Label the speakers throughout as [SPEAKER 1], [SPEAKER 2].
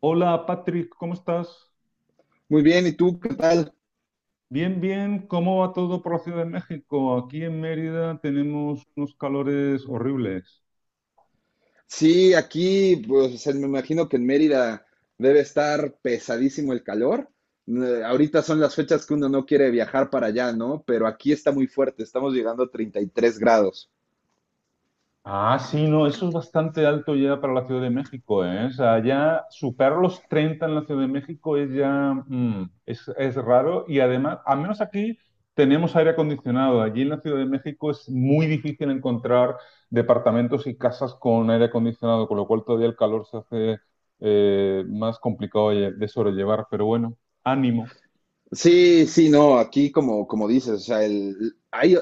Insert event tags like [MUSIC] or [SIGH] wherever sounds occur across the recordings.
[SPEAKER 1] Hola Patrick, ¿cómo estás?
[SPEAKER 2] Muy bien, ¿y tú qué tal?
[SPEAKER 1] Bien, bien, ¿cómo va todo por la Ciudad de México? Aquí en Mérida tenemos unos calores horribles.
[SPEAKER 2] Sí, aquí, pues me imagino que en Mérida debe estar pesadísimo el calor. Ahorita son las fechas que uno no quiere viajar para allá, ¿no? Pero aquí está muy fuerte, estamos llegando a 33 grados.
[SPEAKER 1] Ah, sí, no, eso es bastante alto ya para la Ciudad de México, ¿eh? O sea, ya superar los 30 en la Ciudad de México es ya, es raro y además, al menos aquí tenemos aire acondicionado. Allí en la Ciudad de México es muy difícil encontrar departamentos y casas con aire acondicionado, con lo cual todavía el calor se hace más complicado de sobrellevar. Pero bueno, ánimo.
[SPEAKER 2] Sí, sí, no, aquí como dices, o sea, el, hay,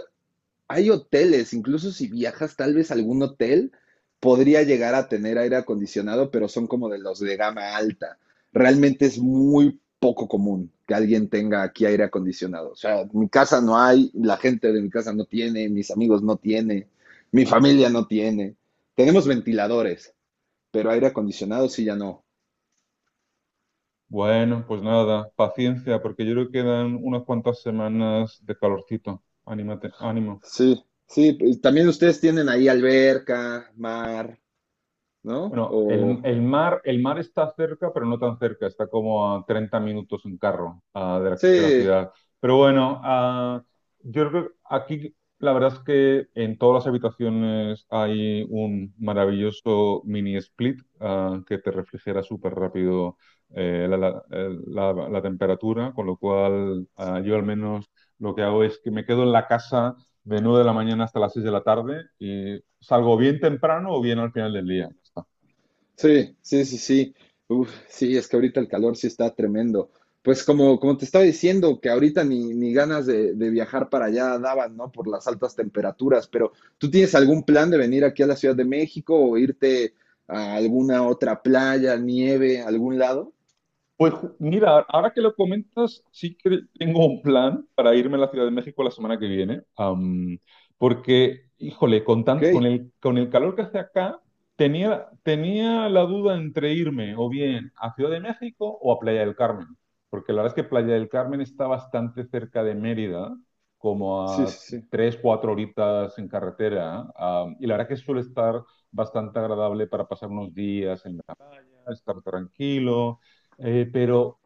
[SPEAKER 2] hay hoteles, incluso si viajas, tal vez algún hotel podría llegar a tener aire acondicionado, pero son como de los de gama alta. Realmente es muy poco común que alguien tenga aquí aire acondicionado. O sea, mi casa no hay, la gente de mi casa no tiene, mis amigos no tiene, mi familia no tiene. Tenemos ventiladores, pero aire acondicionado sí ya no.
[SPEAKER 1] Bueno, pues nada, paciencia, porque yo creo que quedan unas cuantas semanas de calorcito. Anímate, ánimo.
[SPEAKER 2] Sí, sí, pues, también ustedes tienen ahí alberca, mar, ¿no?
[SPEAKER 1] Bueno, el,
[SPEAKER 2] O
[SPEAKER 1] el mar, el mar está cerca, pero no tan cerca, está como a 30 minutos en carro de la
[SPEAKER 2] sí.
[SPEAKER 1] ciudad. Pero bueno, yo creo que aquí la verdad es que en todas las habitaciones hay un maravilloso mini split que te refrigera súper rápido la temperatura, con lo cual yo al menos lo que hago es que me quedo en la casa de 9 de la mañana hasta las 6 de la tarde y salgo bien temprano o bien al final del día.
[SPEAKER 2] Sí, sí, sí, sí. Uf, sí, es que ahorita el calor sí está tremendo. Pues como te estaba diciendo, que ahorita ni ganas de viajar para allá daban, ¿no? Por las altas temperaturas, pero ¿tú tienes algún plan de venir aquí a la Ciudad de México o irte a alguna otra playa, nieve, algún lado?
[SPEAKER 1] Pues mira, ahora que lo comentas, sí que tengo un plan para irme a la Ciudad de México la semana que viene, porque, híjole, con
[SPEAKER 2] Ok,
[SPEAKER 1] tan- con el, con el calor que hace acá, tenía la duda entre irme o bien a Ciudad de México o a Playa del Carmen, porque la verdad es que Playa del Carmen está bastante cerca de Mérida, como
[SPEAKER 2] sí,
[SPEAKER 1] a
[SPEAKER 2] sí, sí.
[SPEAKER 1] 3, 4 horitas en carretera, y la verdad que suele estar bastante agradable para pasar unos días en estar tranquilo, pero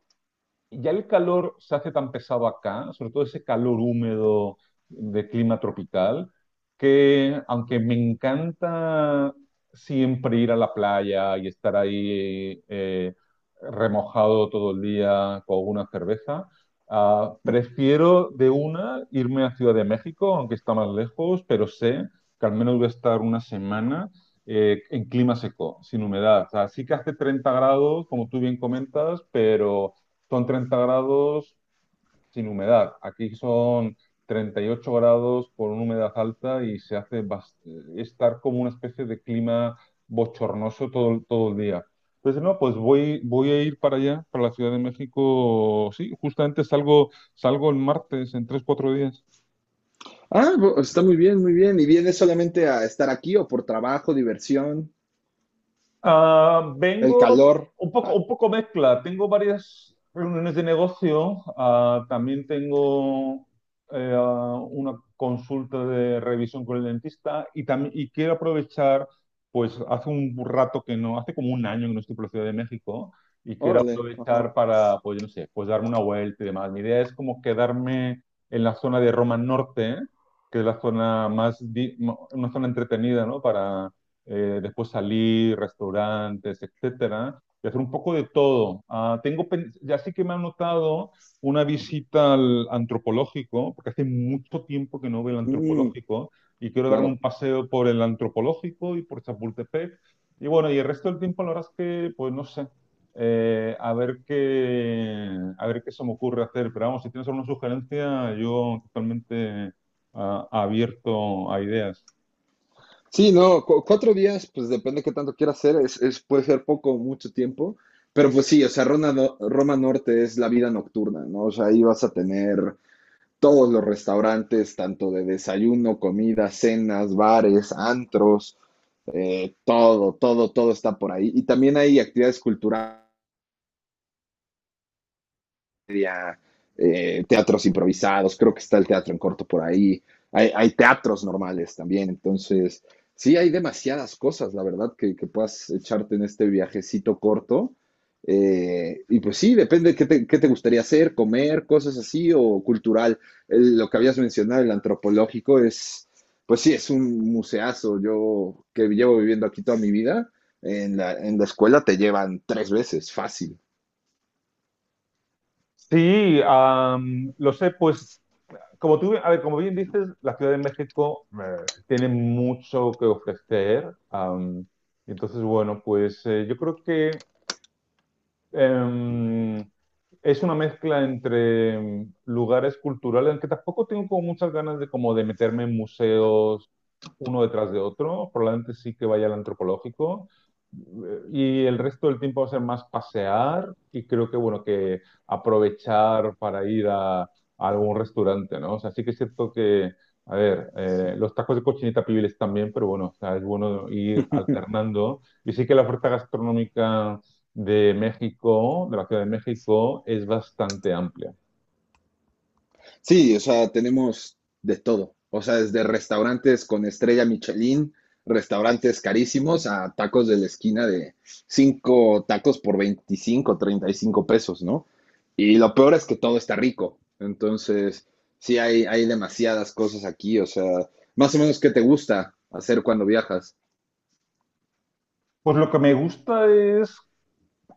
[SPEAKER 1] ya el calor se hace tan pesado acá, sobre todo ese calor húmedo de clima tropical, que aunque me encanta siempre ir a la playa y estar ahí remojado todo el día con una cerveza,
[SPEAKER 2] Mm.
[SPEAKER 1] prefiero de una irme a Ciudad de México, aunque está más lejos, pero sé que al menos voy a estar una semana en clima seco, sin humedad. O sea, sí que hace 30 grados, como tú bien comentas, pero son 30 grados sin humedad. Aquí son 38 grados con una humedad alta y se hace estar como una especie de clima bochornoso todo, todo el día. Entonces, no, pues voy a ir para allá, para la Ciudad de México. Sí, justamente salgo el martes en 3, 4 días.
[SPEAKER 2] Ah, está muy bien, muy bien. ¿Y vienes solamente a estar aquí o por trabajo, diversión,
[SPEAKER 1] Ah,
[SPEAKER 2] el
[SPEAKER 1] vengo
[SPEAKER 2] calor?
[SPEAKER 1] un poco mezcla. Tengo varias reuniones de negocio. Ah, también tengo una consulta de revisión con el dentista y también y quiero aprovechar, pues hace un rato que no, hace como un año que no estoy por la Ciudad de México y
[SPEAKER 2] [LAUGHS]
[SPEAKER 1] quiero
[SPEAKER 2] Órale, ajá.
[SPEAKER 1] aprovechar para, pues yo no sé, pues darme una vuelta y demás. Mi idea es como quedarme en la zona de Roma Norte, que es la zona más, una zona entretenida, ¿no? Después salir, restaurantes, etcétera, y hacer un poco de todo. Ah, tengo, ya sí que me ha notado una visita al antropológico, porque hace mucho tiempo que no veo el
[SPEAKER 2] Mm,
[SPEAKER 1] antropológico, y quiero darme un
[SPEAKER 2] claro.
[SPEAKER 1] paseo por el antropológico y por Chapultepec. Y bueno, y el resto del tiempo, la verdad es que, pues no sé. A ver qué, a ver qué se me ocurre hacer. Pero vamos, si tienes alguna sugerencia, yo totalmente abierto a ideas.
[SPEAKER 2] Sí, no, 4 días, pues depende qué tanto quiera hacer, puede ser poco o mucho tiempo, pero pues sí, o sea, Roma, no- Roma Norte es la vida nocturna, ¿no? O sea, ahí vas a tener todos los restaurantes, tanto de desayuno, comida, cenas, bares, antros, todo, todo, todo está por ahí. Y también hay actividades culturales, teatros improvisados, creo que está el teatro en corto por ahí, hay teatros normales también. Entonces sí hay demasiadas cosas, la verdad, que puedas echarte en este viajecito corto. Y pues sí, depende de qué te gustaría hacer, comer, cosas así, o cultural. Lo que habías mencionado, el antropológico, pues sí, es un museazo. Yo que llevo viviendo aquí toda mi vida, en la escuela te llevan tres veces, fácil.
[SPEAKER 1] Sí, lo sé, pues como tú, a ver, como bien dices, la Ciudad de México tiene mucho que ofrecer. Entonces, bueno, pues yo creo que eh, es una mezcla entre lugares culturales, aunque tampoco tengo como muchas ganas de como de meterme en museos uno detrás de otro, probablemente sí que vaya al antropológico. Y el resto del tiempo va a ser más pasear y creo que, bueno, que aprovechar para ir a algún restaurante, ¿no? O sea, sí que es cierto que, a ver, los tacos de cochinita pibil también, pero bueno, o sea, es bueno ir alternando. Y sí que la oferta gastronómica de México, de la Ciudad de México, es bastante amplia.
[SPEAKER 2] Sí, o sea, tenemos de todo. O sea, desde restaurantes con estrella Michelin, restaurantes carísimos, a tacos de la esquina de 5 tacos por 25, 35 pesos, ¿no? Y lo peor es que todo está rico. Entonces, sí, hay demasiadas cosas aquí. O sea, más o menos, ¿qué te gusta hacer cuando viajas?
[SPEAKER 1] Pues lo que me gusta es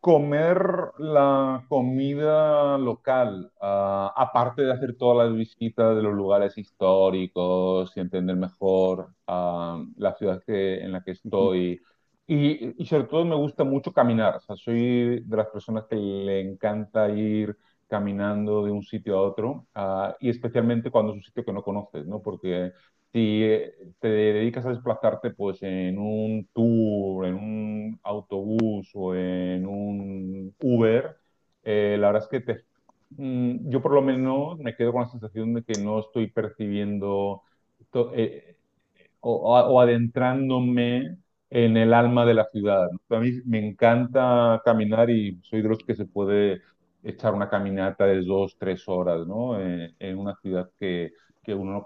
[SPEAKER 1] comer la comida local, aparte de hacer todas las visitas de los lugares históricos y entender mejor la ciudad en la que estoy. Y sobre todo me gusta mucho caminar, o sea, soy de las personas que le encanta ir caminando de un sitio a otro, y especialmente cuando es un sitio que no conoces, ¿no? Porque si te dedicas a desplazarte pues en un tour, en un autobús o en un Uber, la verdad es que yo por lo menos me quedo con la sensación de que no estoy percibiendo to- eh, o, o adentrándome en el alma de la ciudad. ¿No? A mí me encanta caminar y soy de los que se puede echar una caminata de 2, 3 horas, ¿no? En una ciudad que uno no.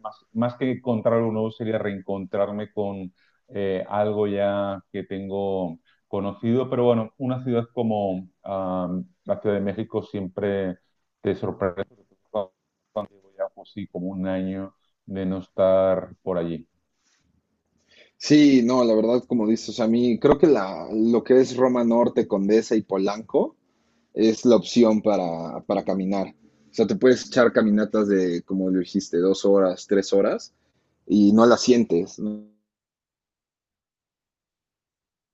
[SPEAKER 1] Más que encontrar algo nuevo sería reencontrarme con algo ya que tengo conocido, pero bueno, una ciudad como la Ciudad de México siempre te sorprende, sobre todo cuando llevo ya, pues sí, como un año de no estar por allí.
[SPEAKER 2] Sí, no, la verdad, como dices, o sea, a mí creo que lo que es Roma Norte, Condesa y Polanco es la opción para caminar. O sea, te puedes echar caminatas de, como lo dijiste, 2 horas, 3 horas, y no las sientes, ¿no?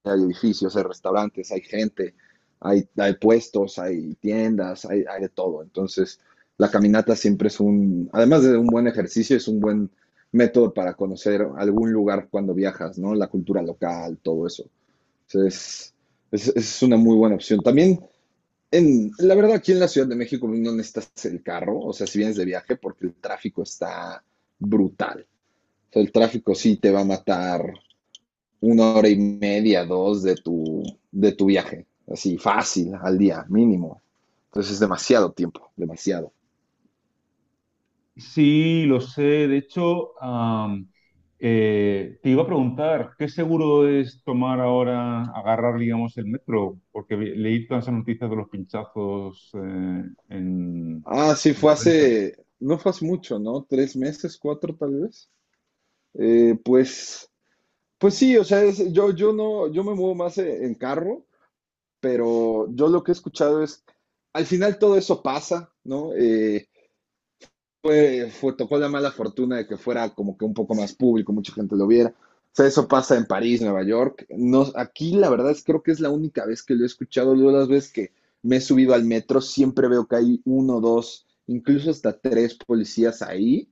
[SPEAKER 2] Hay edificios, hay restaurantes, hay gente, hay puestos, hay tiendas, hay de todo. Entonces, la caminata siempre es un, además de un buen ejercicio, es un buen método para conocer algún lugar cuando viajas, ¿no? La cultura local, todo eso. Entonces, es una muy buena opción. También, la verdad, aquí en la Ciudad de México no necesitas el carro, o sea, si vienes de viaje, porque el tráfico está brutal. O sea, el tráfico sí te va a matar una hora y media, dos de tu viaje, así fácil al día, mínimo. Entonces es demasiado tiempo, demasiado.
[SPEAKER 1] Sí, lo sé. De hecho, te iba a preguntar, ¿qué seguro es tomar ahora, agarrar, digamos, el metro? Porque leí todas esas noticias de los pinchazos en
[SPEAKER 2] Ah, sí, fue
[SPEAKER 1] la prensa.
[SPEAKER 2] hace, no fue hace mucho, ¿no? 3 meses, cuatro tal vez. Eh, pues, pues sí, o sea, yo no, yo me muevo más en carro, pero yo lo que he escuchado es, al final todo eso pasa, ¿no? Tocó la mala fortuna de que fuera como que un poco más público, mucha gente lo viera. O sea, eso pasa en París, Nueva York. No, aquí la verdad es creo que es la única vez que lo he escuchado. Luego las veces que me he subido al metro siempre veo que hay uno, dos, incluso hasta tres policías ahí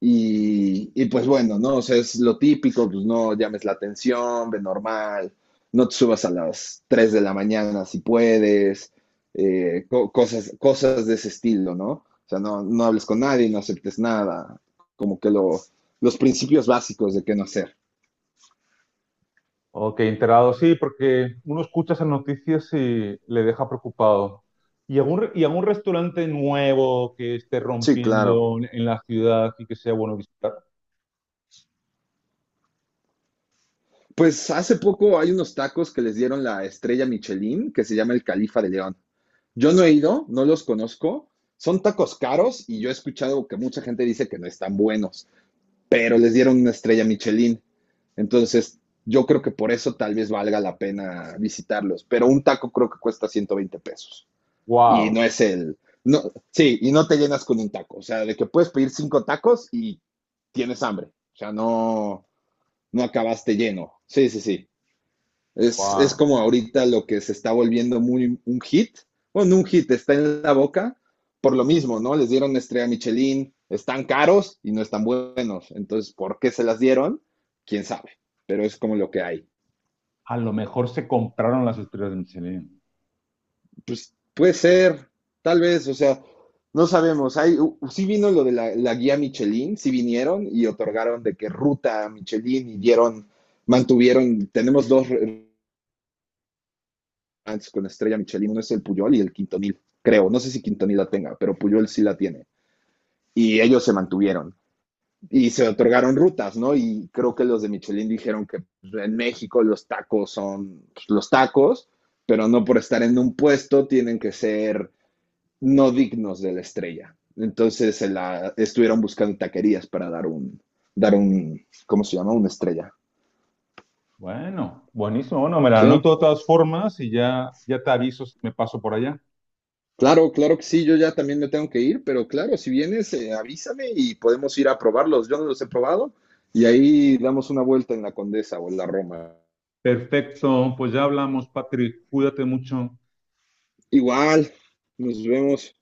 [SPEAKER 2] pues bueno, ¿no? O sea, es lo típico, pues no llames la atención, ve normal, no te subas a las 3 de la mañana si puedes, co cosas de ese estilo, ¿no? O sea, no, no hables con nadie, no aceptes nada, como que los principios básicos de qué no hacer.
[SPEAKER 1] Ok, enterado, sí, porque uno escucha esas noticias y le deja preocupado. ¿Y algún, y algún restaurante nuevo que esté
[SPEAKER 2] Sí, claro.
[SPEAKER 1] rompiendo en la ciudad y que sea bueno visitar?
[SPEAKER 2] Pues hace poco hay unos tacos que les dieron la estrella Michelin, que se llama el Califa de León. Yo no he ido, no los conozco. Son tacos caros y yo he escuchado que mucha gente dice que no están buenos, pero les dieron una estrella Michelin. Entonces, yo creo que por eso tal vez valga la pena visitarlos. Pero un taco creo que cuesta 120 pesos. Y
[SPEAKER 1] ¡Wow!
[SPEAKER 2] no es el... No, sí, y no te llenas con un taco. O sea, de que puedes pedir cinco tacos y tienes hambre. O sea, no, no acabaste lleno. Sí, sí, sí. Es
[SPEAKER 1] ¡Wow!
[SPEAKER 2] como ahorita lo que se está volviendo muy un hit. Bueno, no un hit, está en la boca por lo mismo, ¿no? Les dieron estrella Michelin, están caros y no están buenos. Entonces, ¿por qué se las dieron? Quién sabe, pero es como lo que hay.
[SPEAKER 1] A lo mejor se compraron las estrellas de Michelin.
[SPEAKER 2] Pues puede ser, tal vez, o sea, no sabemos. Sí vino lo de la guía Michelin, sí vinieron y otorgaron de qué ruta Michelin y dieron, mantuvieron, tenemos dos antes con Estrella Michelin, uno es el Puyol y el Quintonil, creo. No sé si Quintonil la tenga, pero Puyol sí la tiene. Y ellos se mantuvieron y se otorgaron rutas, ¿no? Y creo que los de Michelin dijeron que en México los tacos son los tacos, pero no por estar en un puesto tienen que ser no dignos de la estrella. Entonces estuvieron buscando taquerías para dar un, ¿cómo se llama? Una estrella.
[SPEAKER 1] Bueno, buenísimo. Bueno, me la
[SPEAKER 2] Sí,
[SPEAKER 1] anoto de todas formas y ya, ya te aviso si me paso por allá.
[SPEAKER 2] claro, claro que sí, yo ya también me tengo que ir, pero claro, si vienes, avísame y podemos ir a probarlos. Yo no los he probado y ahí damos una vuelta en la Condesa o en la Roma.
[SPEAKER 1] Perfecto, pues ya hablamos, Patrick. Cuídate mucho.
[SPEAKER 2] Igual, nos vemos.